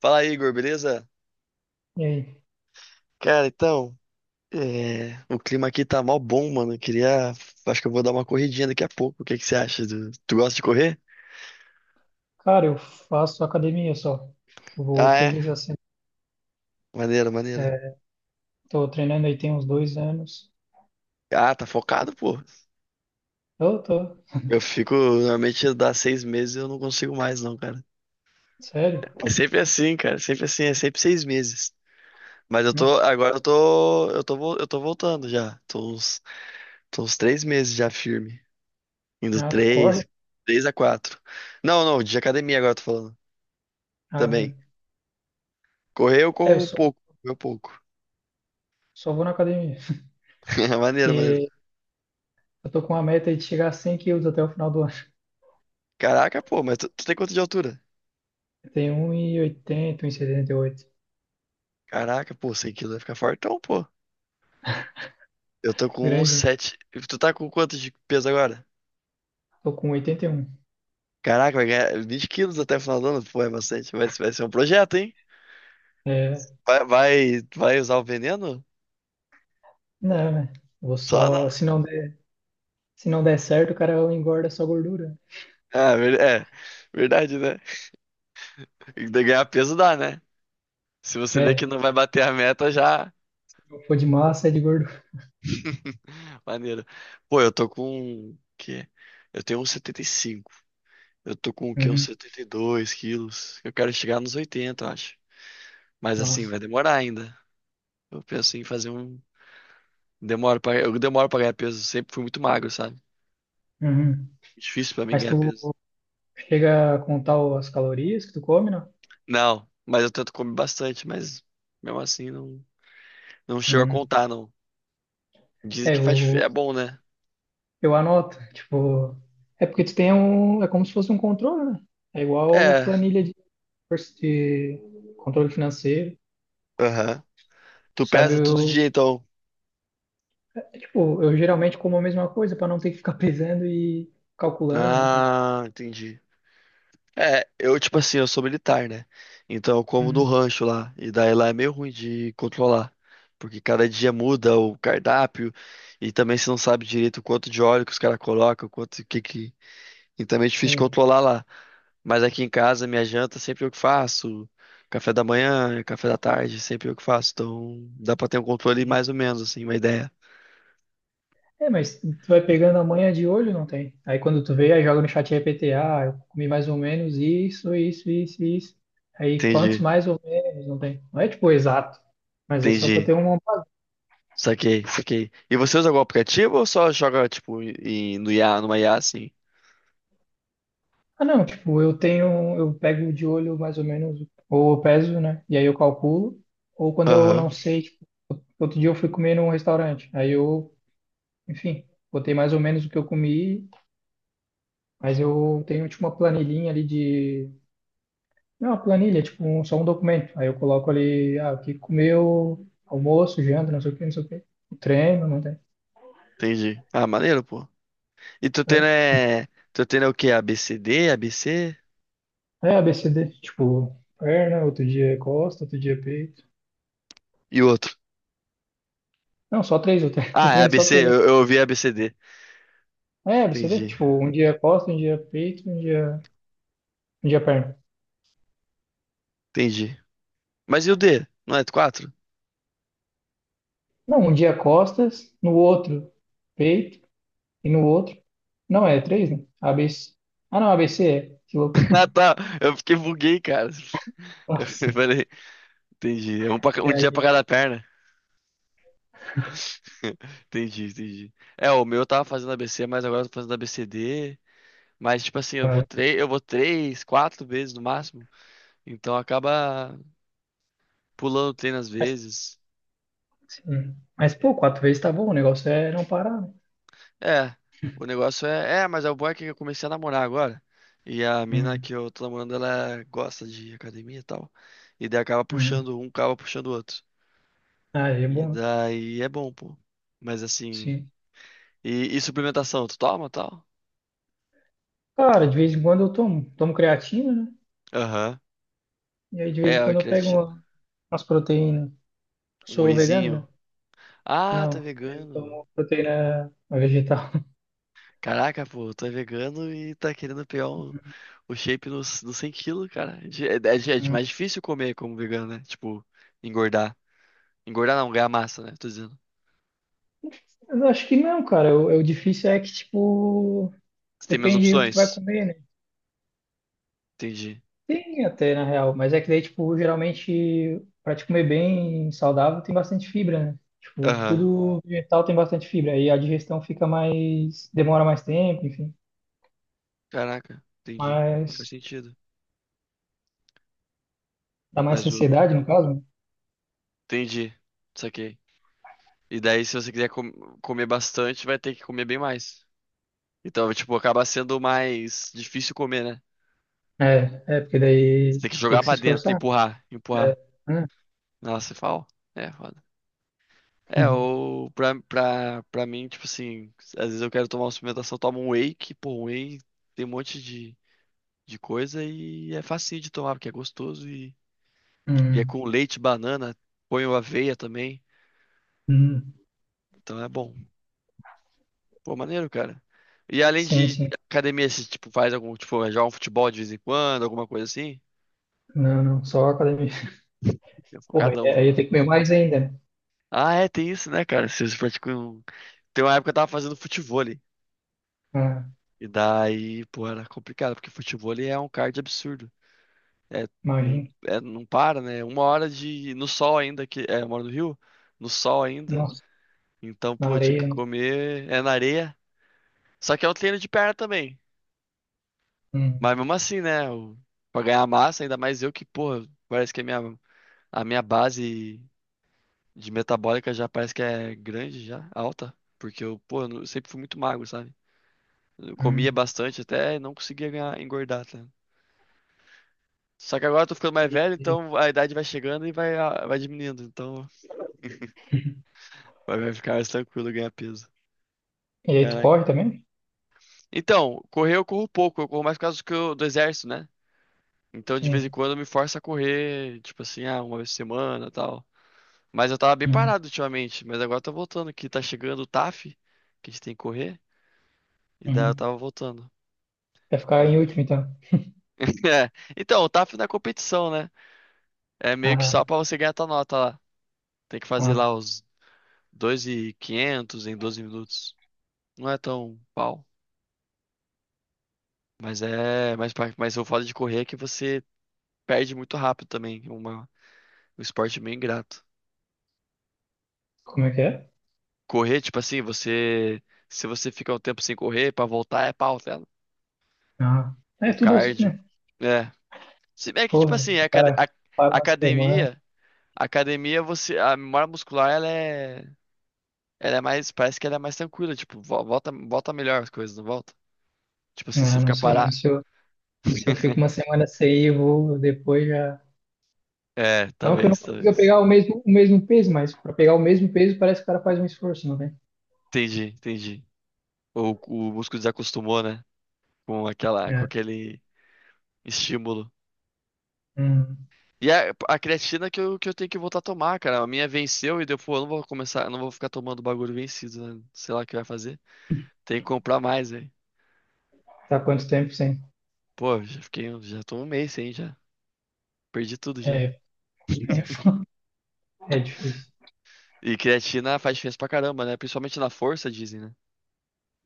Fala aí, Igor, beleza? E aí? Cara, então, o clima aqui tá mó bom, mano. Eu queria. Acho que eu vou dar uma corridinha daqui a pouco. O que que você acha? Tu gosta de correr? Cara, eu faço academia só. Eu vou Ah, três é? vezes a semana. Maneiro, maneiro. É, tô treinando aí tem uns dois anos. Ah, tá focado, pô. Eu tô. Eu fico. Normalmente dá 6 meses e eu não consigo mais, não, cara. Sério? É sempre assim, cara. Sempre assim, é sempre 6 meses. Mas eu tô. Nossa. Agora eu tô. Eu tô voltando já. Tô uns 3 meses já firme. Indo Ah, tu corre? três. Três a quatro. Não, não, de academia agora eu tô falando. Ah, Também. bem. Correr eu É, eu corro um só, pouco, meu pouco. só vou na academia. Maneiro, maneiro. Porque eu tô com uma meta aí de chegar a 100 quilos até o final do ano. Caraca, pô, mas tu tem quanto de altura? Eu tenho um e oitenta, um e setenta e oito. Caraca, pô, 100 quilos vai ficar fortão, pô. Eu tô com Grande. 1,7. E tu tá com quanto de peso agora? Tô com 81. Caraca, vai ganhar 20 quilos até o final do ano, pô, é bastante. Vai ser um projeto, hein? É, Vai usar o veneno? não, né? Vou Só não. só... Se não der, se não der certo, o cara engorda só gordura. Ah, verdade, né? E daí ganhar peso dá, né? Se você vê que É, não vai bater a meta, já. se eu for de massa, é de gordura. Maneiro. Pô, eu tô com. Que? Eu tenho um 1,75. Eu tô com o quê? Uns Uhum, 72 quilos. Eu quero chegar nos 80, eu acho. Mas assim, massa. vai demorar ainda. Eu penso em fazer um. Eu demoro pra ganhar peso. Sempre fui muito magro, sabe? Uhum. Difícil pra mim Mas ganhar tu peso. Chega a contar as calorias que tu come, não? Não, mas eu tento comer bastante, mas mesmo assim não, não chego a Uhum. contar, não. Dizem É, que eu, é bom, né? eu anoto. Tipo, é porque tu tem um. É como se fosse um controle, né? É igual É. planilha de controle financeiro. Aham. Tu Sabe, pesa todo eu, dia, então. é, tipo, eu geralmente como a mesma coisa para não ter que ficar pesando e calculando, não tem? Ah, entendi. É, eu, tipo assim, eu sou militar, né? Então eu como no Uhum. rancho lá. E daí lá é meio ruim de controlar. Porque cada dia muda o cardápio. E também você não sabe direito o quanto de óleo que os caras colocam, quanto o que que. E também é difícil de Sim. controlar lá. Mas aqui em casa, minha janta sempre eu que faço. Café da manhã, café da tarde, sempre eu que faço. Então dá pra ter um controle mais ou menos, assim, uma ideia. É, mas tu vai pegando a manha de olho, não tem? Aí quando tu vê, aí joga no chat GPT, ah, eu comi mais ou menos isso, isso, isso, isso. Aí quantos Entendi, mais ou menos, não tem? Não é tipo exato, mas é só pra ter entendi. uma... Saquei, saquei. E você usa algum aplicativo ou só joga, tipo, no IA, numa IA assim? Ah, não, tipo, eu tenho, eu pego de olho mais ou menos, ou eu peso, né? E aí eu calculo. Ou quando eu Aham. não sei, tipo, outro dia eu fui comer num restaurante, enfim, botei mais ou menos o que eu comi, mas eu tenho tipo uma planilhinha ali de Não, uma planilha, tipo, só um documento. Aí eu coloco ali, ah, o que comeu, almoço, janta, não sei o que, não sei o que. Treino, não tem. Entendi. Ah, maneiro, pô. E tu tendo É, é. Tu tendo é o quê? ABCD, ABC é ABCD, tipo, perna, outro dia é costa, outro dia é peito. e o outro. Não, só três, eu treino, eu Ah, é a treino só ABC, três, né? eu ouvi ABCD. É, ABCD, Entendi, tipo, um dia é costa, um dia é peito, um dia é perna. entendi. Mas e o D? Não é 4? Não, um dia é costas, no outro peito e no outro. Não, é três, né? ABC. Ah, não, ABC é. Que louco. Ah, tá. Eu fiquei buguei, cara. Eu Nossa. falei, entendi. É E um dia pra aí, cada perna. Entendi, entendi. É, o meu eu tava fazendo ABC, mas agora eu tô fazendo ABCD. Mas, tipo assim, ah, eu vou três, quatro vezes no máximo. Então acaba pulando treino às vezes. sim. Mas, pô, quatro vezes tá bom. O negócio é não parar, né? É, o negócio é. É, mas é o bom é que eu comecei a namorar agora. E a mina Uhum. que eu tô namorando, ela gosta de academia e tal. E daí Uhum. Um acaba puxando o outro. Ah, é E bom, né? daí é bom, pô. Mas assim. Sim. E suplementação, tu toma tal? Cara, de vez em quando eu tomo. Tomo creatina, né? Aham. E aí de vez É, em a quando eu creatina. Umas proteínas. Um Sou vegano, wheyzinho. né? Ah, tá Não. Eu vegano. tomo proteína vegetal. Caraca, pô, tu é vegano e tá querendo pegar o shape nos 100 quilos, cara. É Hum. mais difícil comer como vegano, né? Tipo, engordar. Engordar não, ganhar massa, né? Tô dizendo. Eu acho que não, cara. O difícil é que, tipo, Você tem menos depende do que tu vai opções. comer, né? Entendi. Tem até, na real, mas é que daí, tipo, geralmente, pra te comer bem saudável, tem bastante fibra, né? Tipo, Aham. tudo vegetal tem bastante fibra, aí a digestão fica mais, demora mais tempo, enfim, Caraca, entendi. Não faz mas sentido. dá mais Mas o. saciedade, no caso, né? Entendi. Saquei. E daí, se você quiser comer bastante, vai ter que comer bem mais. Então, tipo, acaba sendo mais difícil comer, né? É, é, porque Você daí tem que tem jogar que se pra dentro, esforçar, empurrar, né? empurrar. É, né? Nossa, fala. É, foda. É, Hum, ou pra mim, tipo assim, às vezes eu quero tomar uma suplementação, eu tomo um whey, que, pô, um whey tem um monte de coisa e é facinho de tomar, porque é gostoso e. E é hum, com leite, banana, ponho aveia também. hum. Então é bom. Pô, maneiro, cara. E além Sim, de sim. academia, você, tipo, faz algum, tipo, joga um futebol de vez em quando, alguma coisa assim? Não, não, só academia. É Porra, aí focadão, aí eu viu? tenho que comer mais ainda, né? Ah, é, tem isso, né, cara? Vocês praticam... Tem uma época que eu tava fazendo futevôlei. Ah, E daí, pô, era complicado, porque futevôlei é um cardio absurdo. É, não, imagina. é, não para, né? Uma hora de... No sol ainda, que... É, eu moro no Rio. No sol ainda. Nossa, Então, na pô, tinha que areia, né? comer... É na areia. Só que é um treino de perna também. Mas Hum, mesmo assim, né? Pra ganhar massa, ainda mais eu que, porra, parece que a minha base de metabólica já parece que é grande, já, alta. Porque eu, pô, eu não- sempre fui muito magro, sabe? Eu comia hum. bastante até e não conseguia ganhar, engordar, tá? Só que agora eu tô ficando mais velho, E, então a idade vai chegando e vai diminuindo. Então vai ficar mais tranquilo ganhar peso. e aí tu Caraca. corre também? Então, correr eu corro pouco, eu corro mais por causa que do exército, né? Então de vez em Sim. quando eu me forço a correr, tipo assim, uma vez por semana e tal. Mas eu tava bem Hum. parado ultimamente, mas agora eu tô voltando, que tá chegando o TAF, que a gente tem que correr, e daí eu Uhum. tava voltando. Vai ficar em E- último, então. É, então, o TAF não é competição, né? É meio que Ah, só pra você ganhar tua nota lá. Tem que fazer ah, lá os 2.500 em 12 minutos. Não é tão pau, mas o foda de correr é que você perde muito rápido também, é um esporte meio ingrato. como é que é? Correr, tipo assim, se você fica um tempo sem correr, pra voltar é pau, tá ligado? Ah, é O tudo assim, cardio. né? É. Se bem que, tipo Porra, assim, se a, o acad- cara a- para uma semana, academia, academia, você, a memória muscular, ela é, mais, parece que ela é mais tranquila, tipo, volta melhor as coisas, não volta? Tipo assim, se ah, não ficar sei, parar, se eu fico uma semana sem ir, eu vou depois já. é, Não que eu não talvez, consiga talvez. pegar o mesmo peso, mas para pegar o mesmo peso parece que o cara faz um esforço, não tem? Entendi, entendi. O músculo desacostumou, né, com aquela, com É. aquele estímulo. Hum. E a creatina que eu tenho que voltar a tomar, cara, a minha venceu e deu, pô, eu não vou começar, eu não vou ficar tomando bagulho vencido, né, sei lá o que vai fazer. Tem que comprar mais, velho. Tá quanto tempo sem? Pô, já fiquei, já tô um mês sem já. Perdi tudo É, já. é, é difícil. E creatina faz diferença pra caramba, né? Principalmente na força, dizem, né?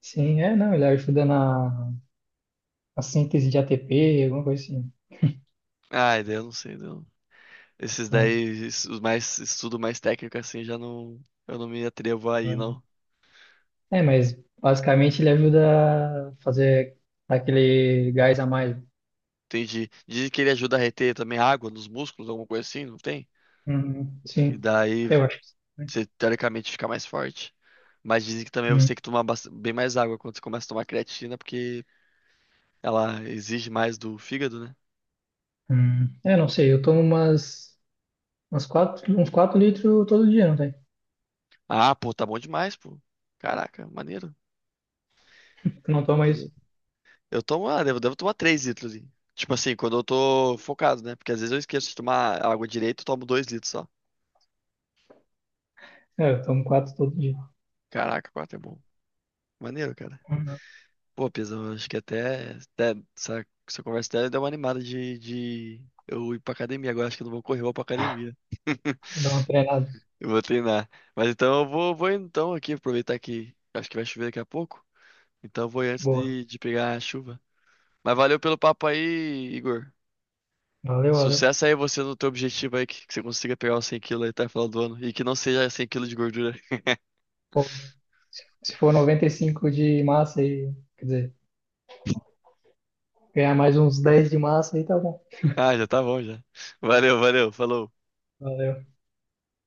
Sim, não, ele ajuda na síntese de ATP, alguma coisa assim. Ai, daí eu não sei, não. Esses Ah, daí, os mais estudo mais técnico assim, já não, eu não me atrevo aí, é. não. É, mas basicamente ele ajuda a fazer aquele gás a mais. Entendi. Dizem que ele ajuda a reter também água nos músculos, alguma coisa assim, não tem? Uhum, E sim, daí eu acho que sim. você teoricamente fica mais forte. Mas dizem que também você Hum, tem que tomar bem mais água quando você começa a tomar creatina, porque ela exige mais do fígado, né? É, não sei, umas quatro, uns 4 litros todo dia, não tem? Ah, pô, tá bom demais, pô. Caraca, maneiro. Tu não toma isso? Eu tomo, devo tomar 3 litros, hein? Tipo assim, quando eu tô focado, né? Porque às vezes eu esqueço de tomar água direito, eu tomo 2 litros só. É, eu tomo 4 todo dia. Caraca, 4 é bom. Maneiro, cara. Uhum. Pô, Pizão, eu acho que até essa conversa até deu uma animada de eu ir pra academia. Agora acho que eu não vou correr, eu vou pra academia. Dá uma treinada. Eu vou treinar. Mas então eu vou indo então aqui, aproveitar que acho que vai chover daqui a pouco. Então eu vou ir antes Boa. de pegar a chuva. Mas valeu pelo papo aí, Igor. Valeu, valeu. Sucesso aí você no teu objetivo aí, que você consiga pegar os 100 quilos aí até o final do ano. E que não seja 100 quilos de gordura. Se for 95 de massa e, quer dizer, ganhar mais uns 10 de massa aí, tá bom. Ah, já tá bom já. Valeu, valeu, falou. Valeu.